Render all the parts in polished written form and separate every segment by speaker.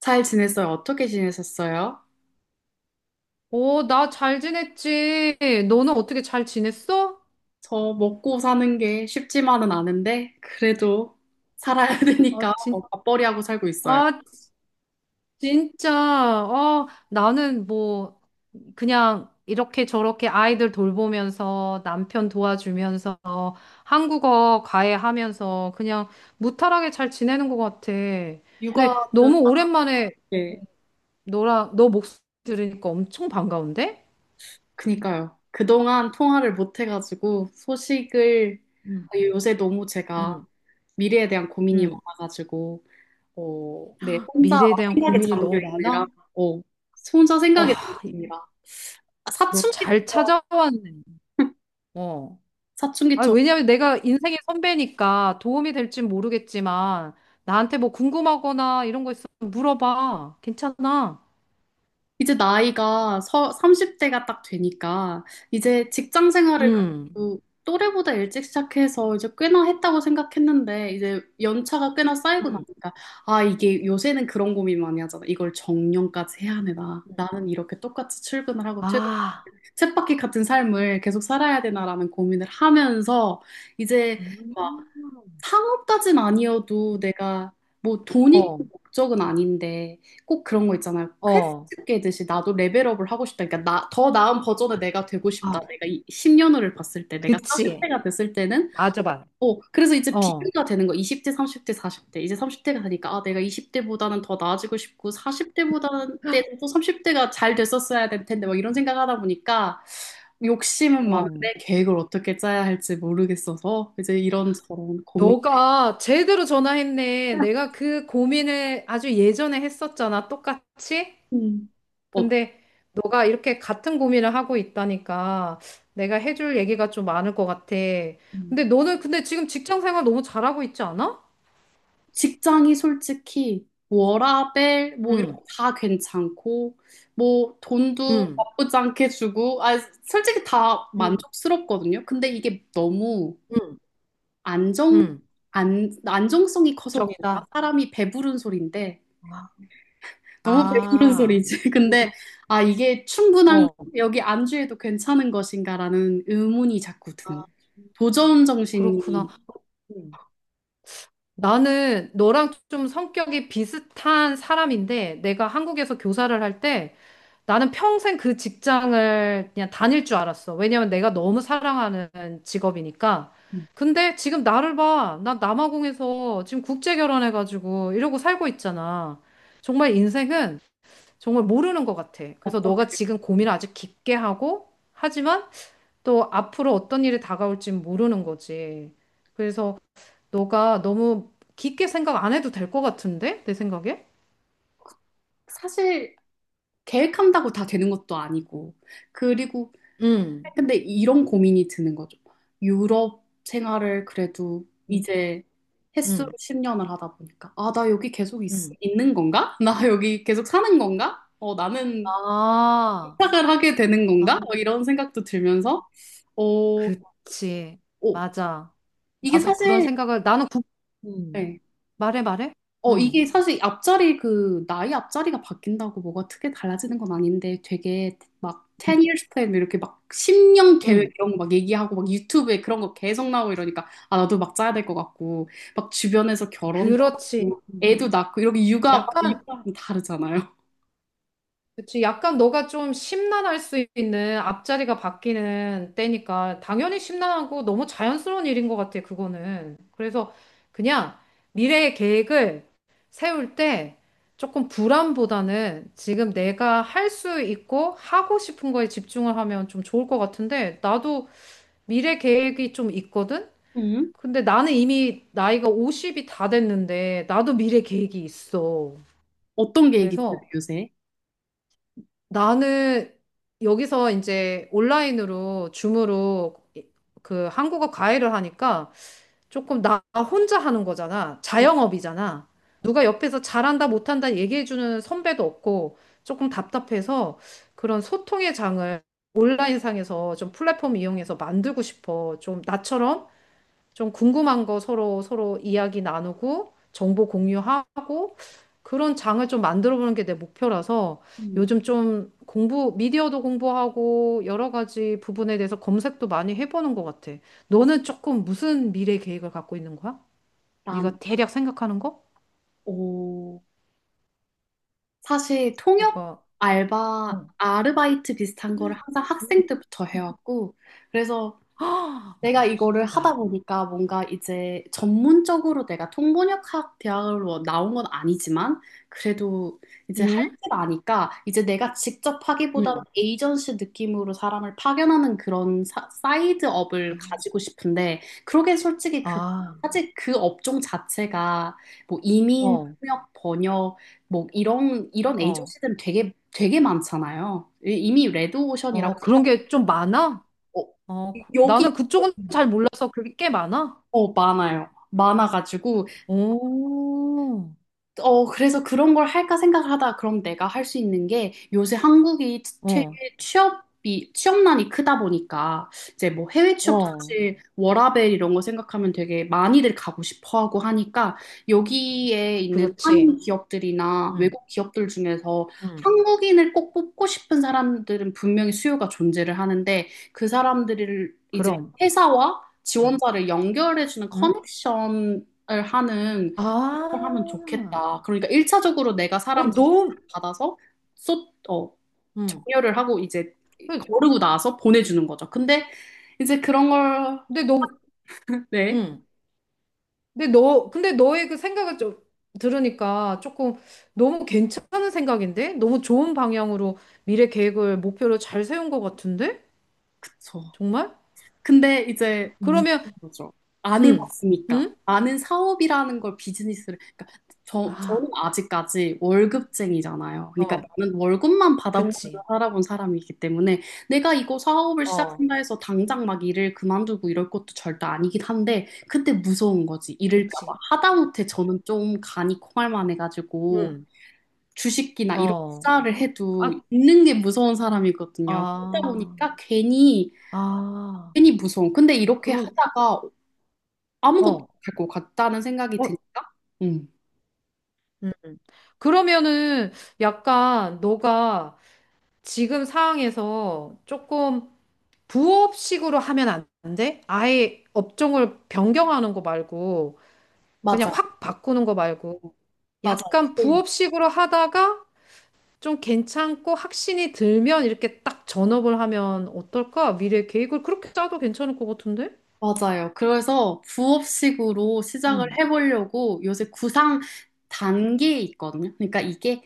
Speaker 1: 잘 지냈어요? 어떻게 지내셨어요?
Speaker 2: 오, 나 잘 지냈지. 너는 어떻게 잘 지냈어?
Speaker 1: 저 먹고 사는 게 쉽지만은 않은데, 그래도 살아야
Speaker 2: 아,
Speaker 1: 되니까 뭐 맞벌이하고 살고 있어요.
Speaker 2: 아, 진짜. 아, 나는 뭐, 그냥 이렇게 저렇게 아이들 돌보면서 남편 도와주면서 한국어 과외하면서 그냥 무탈하게 잘 지내는 것 같아. 근데
Speaker 1: 육아는,
Speaker 2: 너무 오랜만에
Speaker 1: 예,
Speaker 2: 너 목소리 들으니까 엄청 반가운데?
Speaker 1: 그니까요. 그동안 통화를 못 해가지고 소식을
Speaker 2: 응,
Speaker 1: 요새 너무 제가
Speaker 2: 응.
Speaker 1: 미래에 대한 고민이
Speaker 2: 응.
Speaker 1: 많아가지고, 네, 혼자 막
Speaker 2: 미래에 대한
Speaker 1: 생각에
Speaker 2: 고민이
Speaker 1: 잠겨
Speaker 2: 너무 많아?
Speaker 1: 있느라, 어, 혼자 생각에
Speaker 2: 와,
Speaker 1: 잠깁니다. 아,
Speaker 2: 너
Speaker 1: 사춘기,
Speaker 2: 잘 찾아왔네. 어. 아,
Speaker 1: 사춘기처럼.
Speaker 2: 왜냐면 내가 인생의 선배니까 도움이 될진 모르겠지만 나한테 뭐 궁금하거나 이런 거 있으면 물어봐. 괜찮아.
Speaker 1: 이제 나이가 30대가 딱 되니까 이제 직장 생활을
Speaker 2: 응.
Speaker 1: 그래도 또래보다 일찍 시작해서 이제 꽤나 했다고 생각했는데 이제 연차가 꽤나 쌓이고
Speaker 2: 응.
Speaker 1: 나니까 이게 요새는 그런 고민 많이 하잖아. 이걸 정년까지 해야 되나?
Speaker 2: 응.
Speaker 1: 나는 이렇게 똑같이 출근을 하고
Speaker 2: 아.
Speaker 1: 쳇바퀴 같은 삶을 계속 살아야 되나라는 고민을 하면서 이제
Speaker 2: 음.
Speaker 1: 상업까진 아니어도 내가 뭐 돈이
Speaker 2: 어.
Speaker 1: 꼭 목적은 아닌데 꼭 그런 거 있잖아요.
Speaker 2: 어.
Speaker 1: 퀘스트 깨듯이 나도 레벨업을 하고 싶다. 그러니까 나, 더 나은 버전의 내가 되고 싶다.
Speaker 2: 아,
Speaker 1: 내가 이 10년을 봤을 때, 내가
Speaker 2: 그치.
Speaker 1: 40대가 됐을 때는
Speaker 2: 맞아, 맞아.
Speaker 1: 그래서 이제
Speaker 2: 어.
Speaker 1: 비교가 되는 거. 20대, 30대, 40대. 이제 30대가 되니까 아, 내가 20대보다는 더 나아지고 싶고 40대보다는 때는 또 30대가 잘 됐었어야 될 텐데 막 이런 생각하다 보니까 욕심은
Speaker 2: 어.
Speaker 1: 많은데 계획을 어떻게 짜야 할지 모르겠어서 이제 이런저런 고민.
Speaker 2: 너가 제대로 전화했네. 내가 그 고민을 아주 예전에 했었잖아. 똑같이.
Speaker 1: 음. 어,
Speaker 2: 근데 너가 이렇게 같은 고민을 하고 있다니까 내가 해줄 얘기가 좀 많을 것 같아.
Speaker 1: 음,
Speaker 2: 근데 너는 근데 지금 직장 생활 너무 잘하고 있지 않아?
Speaker 1: 직장이 솔직히 워라밸 뭐 이런
Speaker 2: 응,
Speaker 1: 거 다 괜찮고 뭐 돈도
Speaker 2: 응,
Speaker 1: 나쁘지 않게 주고 솔직히 다
Speaker 2: 응,
Speaker 1: 만족스럽거든요. 근데 이게 너무
Speaker 2: 응,
Speaker 1: 안정
Speaker 2: 응.
Speaker 1: 안 안정성이 커서 그런가?
Speaker 2: 정이다.
Speaker 1: 사람이 배부른 소리인데
Speaker 2: 아,
Speaker 1: 너무 배부른
Speaker 2: 아.
Speaker 1: 소리지.
Speaker 2: 그렇-
Speaker 1: 근데 이게 충분한
Speaker 2: 어.
Speaker 1: 여기 안주해도 괜찮은 것인가라는 의문이 자꾸 드는
Speaker 2: 아,
Speaker 1: 거죠. 도전
Speaker 2: 그렇구나.
Speaker 1: 정신이
Speaker 2: 음. 나는 너랑 좀 성격이 비슷한 사람인데 내가 한국에서 교사를 할때 나는 평생 그 직장을 그냥 다닐 줄 알았어. 왜냐면 내가 너무 사랑하는 직업이니까. 근데 지금 나를 봐. 나 남아공에서 지금 국제 결혼해가지고 이러고 살고 있잖아. 정말 인생은 정말 모르는 것 같아. 그래서 너가
Speaker 1: 어떻게
Speaker 2: 지금 고민을 아주 깊게 하고, 하지만 또 앞으로 어떤 일이 다가올지 모르는 거지. 그래서 너가 너무 깊게 생각 안 해도 될 것 같은데? 내 생각에?
Speaker 1: 사실 계획한다고 다 되는 것도 아니고. 그리고,
Speaker 2: 응,
Speaker 1: 근데 이런 고민이 드는 거죠. 유럽 생활을 그래도
Speaker 2: 응,
Speaker 1: 이제 횟수로
Speaker 2: 응.
Speaker 1: 10년을 하다 보니까, 아, 나 여기
Speaker 2: 응.
Speaker 1: 는 건가? 나 여기 계속 사는 건가? 나는
Speaker 2: 아,
Speaker 1: 부탁을 하게 되는
Speaker 2: 아.
Speaker 1: 건가? 뭐 이런 생각도 들면서, 어, 어,
Speaker 2: 그치. 맞아.
Speaker 1: 이게
Speaker 2: 나도 그런
Speaker 1: 사실,
Speaker 2: 생각을, 음.
Speaker 1: 네.
Speaker 2: 말해, 말해? 응,
Speaker 1: 이게 사실 앞자리 그 나이 앞자리가 바뀐다고 뭐가 크게 달라지는 건 아닌데 되게 막 10
Speaker 2: 응,
Speaker 1: years plan 이렇게 막 10년 계획
Speaker 2: 응.
Speaker 1: 이런 거 막 얘기하고 막 유튜브에 그런 거 계속 나오고 이러니까 아 나도 막 짜야 될 것 같고 막 주변에서 결혼도
Speaker 2: 그렇지.
Speaker 1: 하고
Speaker 2: 음.
Speaker 1: 애도 낳고 이렇게 육아
Speaker 2: 약간,
Speaker 1: 육아는 다르잖아요.
Speaker 2: 그치. 약간 너가 좀 심란할 수 있는 앞자리가 바뀌는 때니까, 당연히 심란하고 너무 자연스러운 일인 것 같아, 그거는. 그래서 그냥 미래의 계획을 세울 때 조금 불안보다는 지금 내가 할 수 있고 하고 싶은 거에 집중을 하면 좀 좋을 것 같은데, 나도 미래 계획이 좀 있거든?
Speaker 1: 음.
Speaker 2: 근데 나는 이미 나이가 50이 다 됐는데, 나도 미래 계획이 있어.
Speaker 1: 어떤 계획 있어요,
Speaker 2: 그래서
Speaker 1: 요새?
Speaker 2: 나는 여기서 이제 온라인으로, 줌으로 그 한국어 과외를 하니까 조금 나 혼자 하는 거잖아. 자영업이잖아. 누가 옆에서 잘한다, 못한다 얘기해주는 선배도 없고, 조금 답답해서 그런 소통의 장을 온라인상에서 좀 플랫폼 이용해서 만들고 싶어. 좀 나처럼 좀 궁금한 거 서로 서로 이야기 나누고 정보 공유하고 그런 장을 좀 만들어 보는 게 내 목표라서
Speaker 1: 음.
Speaker 2: 요즘 좀 공부, 미디어도 공부하고 여러 가지 부분에 대해서 검색도 많이 해보는 것 같아.
Speaker 1: 음.
Speaker 2: 너는 조금 무슨 미래 계획을 갖고 있는 거야?
Speaker 1: 난,
Speaker 2: 네가 대략 생각하는 거?
Speaker 1: 어, 사실 통역
Speaker 2: 뭐가?
Speaker 1: 알바,
Speaker 2: 어.
Speaker 1: 아르바이트 비슷한 거를 항상 학생 때부터 해왔고, 그래서
Speaker 2: 아,
Speaker 1: 내가 이거를 하다
Speaker 2: 나.
Speaker 1: 보니까 뭔가 이제 전문적으로 내가 통번역학 대학으로 나온 건 아니지만 그래도 이제 할
Speaker 2: 응?
Speaker 1: 줄 아니까 이제 내가 직접 하기보다는
Speaker 2: 응.
Speaker 1: 에이전시 느낌으로 사람을 파견하는 이드 업을 가지고 싶은데 그러게 솔직히
Speaker 2: 아,
Speaker 1: 사실 그 업종 자체가 뭐 이민,
Speaker 2: 어,
Speaker 1: 통역, 번역 뭐 이런
Speaker 2: 어,
Speaker 1: 에이전시들은 되게 되게 많잖아요. 이미 레드오션이라고
Speaker 2: 어,
Speaker 1: 생각
Speaker 2: 그런 게 좀 많아?
Speaker 1: 어,
Speaker 2: 어,
Speaker 1: 여기
Speaker 2: 나는 그쪽은 잘 몰라서 그게 꽤 많아?
Speaker 1: 많아요. 많아가지고,
Speaker 2: 오,
Speaker 1: 그래서 그런 걸 할까 생각을 하다 그럼 내가 할 수 있는 게 요새 한국이 최
Speaker 2: 어,
Speaker 1: 취업이 취업난이 크다 보니까 이제 뭐 해외 취업도
Speaker 2: 어,
Speaker 1: 사실 워라밸 이런 거 생각하면 되게 많이들 가고 싶어 하고 하니까 여기에 있는
Speaker 2: 그렇지.
Speaker 1: 한인 기업들이나
Speaker 2: 응,
Speaker 1: 외국 기업들 중에서
Speaker 2: 응,
Speaker 1: 한국인을 꼭 뽑고 싶은 사람들은 분명히 수요가 존재를 하는데 그 사람들을 이제
Speaker 2: 그럼,
Speaker 1: 회사와
Speaker 2: 응,
Speaker 1: 지원자를 연결해주는
Speaker 2: 응.
Speaker 1: 커넥션을 하는
Speaker 2: 아,
Speaker 1: 하면 좋겠다. 그러니까 일차적으로 내가
Speaker 2: 어,
Speaker 1: 사람 제보를
Speaker 2: 너,
Speaker 1: 받아서 쏟, 어,
Speaker 2: 응.
Speaker 1: 정렬을 하고 이제
Speaker 2: 그-
Speaker 1: 거르고 나서 보내주는 거죠. 근데 이제 그런 걸,
Speaker 2: 근데 너,
Speaker 1: 네,
Speaker 2: 응. 근데 너, 근데 너의 그 생각을 좀 들으니까 조금 너무 괜찮은 생각인데? 너무 좋은 방향으로 미래 계획을, 목표를 잘 세운 것 같은데?
Speaker 1: 그쵸.
Speaker 2: 정말?
Speaker 1: 근데 이제
Speaker 2: 그러면,
Speaker 1: 무서운 거죠. 안
Speaker 2: 응,
Speaker 1: 해봤으니까
Speaker 2: 응?
Speaker 1: 아는 사업이라는 걸 비즈니스를 그러니까 저는
Speaker 2: 아,
Speaker 1: 아직까지 월급쟁이잖아요. 그러니까
Speaker 2: 어,
Speaker 1: 나는 월급만 받아오면서
Speaker 2: 그치.
Speaker 1: 살아본 사람이기 때문에 내가 이거 사업을
Speaker 2: 어,
Speaker 1: 시작한다 해서 당장 막 일을 그만두고 이럴 것도 절대 아니긴 한데 근데 무서운 거지 이럴까 봐
Speaker 2: 그치.
Speaker 1: 하다못해 저는 좀 간이 콩알만 해가지고
Speaker 2: 응,
Speaker 1: 주식이나 이런
Speaker 2: 어.
Speaker 1: 투자를 해도
Speaker 2: 아,
Speaker 1: 있는 게 무서운 사람이거든요. 그러다
Speaker 2: 아.
Speaker 1: 보니까
Speaker 2: 아,
Speaker 1: 괜히 무서워. 근데 이렇게
Speaker 2: 그럼,
Speaker 1: 하다가 아무것도
Speaker 2: 어,
Speaker 1: 못할 것 같다는 생각이
Speaker 2: 어,
Speaker 1: 드니까. 음.
Speaker 2: 음. 그러면은 약간 너가 지금 상황에서 조금 부업식으로 하면 안 돼? 아예 업종을 변경하는 거 말고, 그냥
Speaker 1: 맞아요.
Speaker 2: 확 바꾸는 거 말고,
Speaker 1: 맞아요.
Speaker 2: 약간 부업식으로 하다가 좀 괜찮고 확신이 들면 이렇게 딱 전업을 하면 어떨까? 미래 계획을 그렇게 짜도 괜찮을 것 같은데?
Speaker 1: 맞아요. 그래서 부업식으로 시작을
Speaker 2: 응,
Speaker 1: 해보려고 요새 구상 단계에 있거든요. 그러니까 이게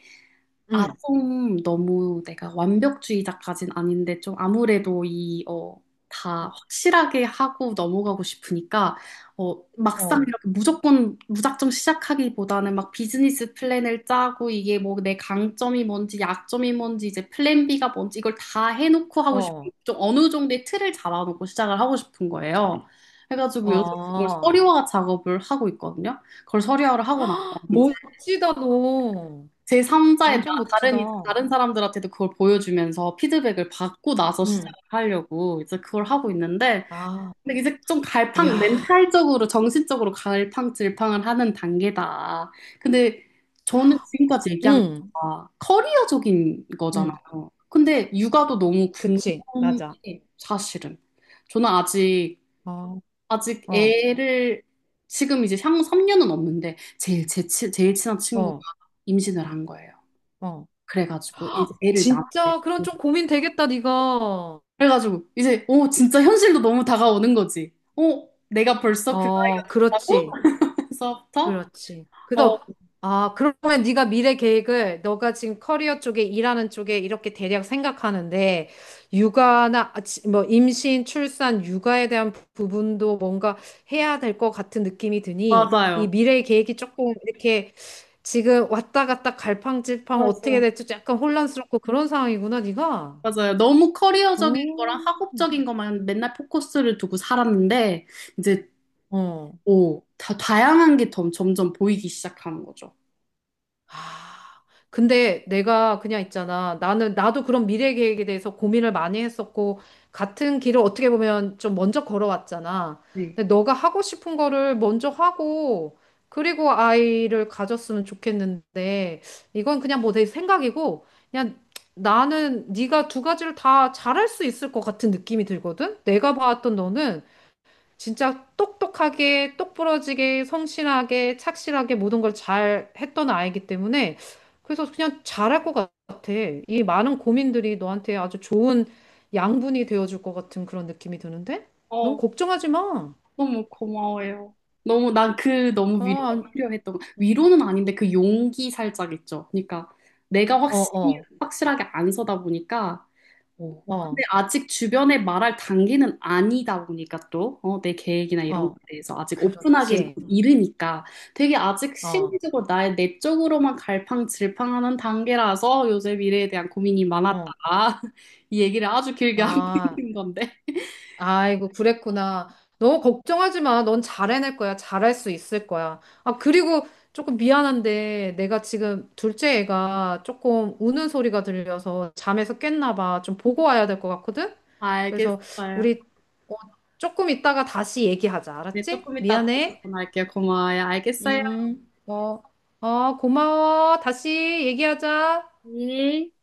Speaker 2: 응,
Speaker 1: 좀 너무 내가 완벽주의자까진 아닌데 좀 아무래도 다 확실하게 하고 넘어가고 싶으니까 막상
Speaker 2: 어,
Speaker 1: 이렇게 무조건 무작정 시작하기보다는 막 비즈니스 플랜을 짜고 이게 뭐 내 강점이 뭔지 약점이 뭔지 이제 플랜 B가 뭔지 이걸 다 해놓고 하고
Speaker 2: 어,
Speaker 1: 싶은 좀 어느 정도의 틀을 잡아놓고 시작을 하고 싶은 거예요. 해가지고 요새 그걸
Speaker 2: 어.
Speaker 1: 서류화 작업을 하고 있거든요. 그걸 서류화를 하고 나면
Speaker 2: 멋지다, 너.
Speaker 1: 제3자의 나
Speaker 2: 완전 멋지다.
Speaker 1: 다른 사람들한테도 그걸 보여주면서 피드백을 받고 나서
Speaker 2: 응,
Speaker 1: 시작을 하려고 이제 그걸 하고 있는데
Speaker 2: 아,
Speaker 1: 근데 이제 좀
Speaker 2: 야,
Speaker 1: 갈팡 멘탈적으로 정신적으로 갈팡질팡을 하는 단계다. 근데 저는 지금까지 얘기한
Speaker 2: 응,
Speaker 1: 거가 커리어적인
Speaker 2: 응,
Speaker 1: 거잖아요. 근데 육아도 너무
Speaker 2: 그치, 맞아.
Speaker 1: 궁금해 사실은. 저는
Speaker 2: 어,
Speaker 1: 아직
Speaker 2: 어,
Speaker 1: 애를 지금 이제 향후 3년은 없는데 제일 제일 친한 친구가
Speaker 2: 어,
Speaker 1: 임신을 한 거예요.
Speaker 2: 어.
Speaker 1: 그래가지고 이제 애를 낳았대.
Speaker 2: 진짜, 그런 좀 고민 되겠다, 네가.
Speaker 1: 그래가지고 이제 진짜 현실도 너무 다가오는 거지. 내가 벌써 그
Speaker 2: 어,
Speaker 1: 나이가 됐다고?
Speaker 2: 그렇지.
Speaker 1: 그래서부터
Speaker 2: 그렇지.
Speaker 1: 어.
Speaker 2: 그래서 아, 그러면 네가 미래 계획을 너가 지금 커리어 쪽에 일하는 쪽에 이렇게 대략 생각하는데 육아나 아, 뭐 임신, 출산, 육아에 대한 부분도 뭔가 해야 될 것 같은 느낌이 드니 이
Speaker 1: 맞아요.
Speaker 2: 미래 계획이 조금 이렇게 지금 왔다 갔다 갈팡질팡 어떻게
Speaker 1: 맞아요.
Speaker 2: 될지 약간 혼란스럽고 그런 상황이구나, 네가.
Speaker 1: 맞아요. 너무 커리어적인
Speaker 2: 오,
Speaker 1: 거랑 학업적인 것만 맨날 포커스를 두고 살았는데 이제
Speaker 2: 어.
Speaker 1: 다 다양한 게 점점 보이기 시작하는 거죠.
Speaker 2: 아. 근데 내가 그냥 있잖아. 나도 그런 미래 계획에 대해서 고민을 많이 했었고, 같은 길을 어떻게 보면 좀 먼저 걸어왔잖아.
Speaker 1: 네.
Speaker 2: 근데 너가 하고 싶은 거를 먼저 하고, 그리고 아이를 가졌으면 좋겠는데, 이건 그냥 뭐 내 생각이고, 그냥 나는 네가 두 가지를 다 잘할 수 있을 것 같은 느낌이 들거든? 내가 봤던 너는 진짜 똑똑하게, 똑부러지게, 성실하게, 착실하게 모든 걸 잘 했던 아이기 때문에 그래서 그냥 잘할 것 같아. 이 많은 고민들이 너한테 아주 좋은 양분이 되어줄 것 같은 그런 느낌이 드는데? 너무
Speaker 1: 어,
Speaker 2: 걱정하지 마.
Speaker 1: 너무 고마워요. 너무 난 그 너무
Speaker 2: 아,
Speaker 1: 위로가
Speaker 2: 안-
Speaker 1: 필요했던 거. 위로는 아닌데 그 용기 살짝 있죠. 그러니까 내가
Speaker 2: 어,
Speaker 1: 확실히
Speaker 2: 어,
Speaker 1: 확실하게 안 서다 보니까 어. 근데
Speaker 2: 어,
Speaker 1: 아직 주변에 말할 단계는 아니다 보니까 또 내 계획이나 이런 것에
Speaker 2: 어.
Speaker 1: 대해서 아직 오픈하기
Speaker 2: 그렇지.
Speaker 1: 이르니까 되게 아직
Speaker 2: 어,
Speaker 1: 심리적으로 나의 내적으로만 갈팡질팡하는 단계라서 요새 미래에 대한 고민이 많았다.
Speaker 2: 어.
Speaker 1: 이 얘기를 아주 길게 하고
Speaker 2: 아.
Speaker 1: 있는 건데
Speaker 2: 아이고, 그랬구나. 너 걱정하지 마. 넌 잘해낼 거야. 잘할 수 있을 거야. 아, 그리고 조금 미안한데 내가 지금 둘째 애가 조금 우는 소리가 들려서 잠에서 깼나 봐. 좀 보고 와야 될 것 같거든? 그래서
Speaker 1: 알겠어요.
Speaker 2: 우리 어, 조금 있다가 다시 얘기하자.
Speaker 1: 네,
Speaker 2: 알았지?
Speaker 1: 조금 이따 다시
Speaker 2: 미안해.
Speaker 1: 전화할게요. 고마워요. 알겠어요.
Speaker 2: 어, 어, 고마워. 다시 얘기하자.
Speaker 1: 예.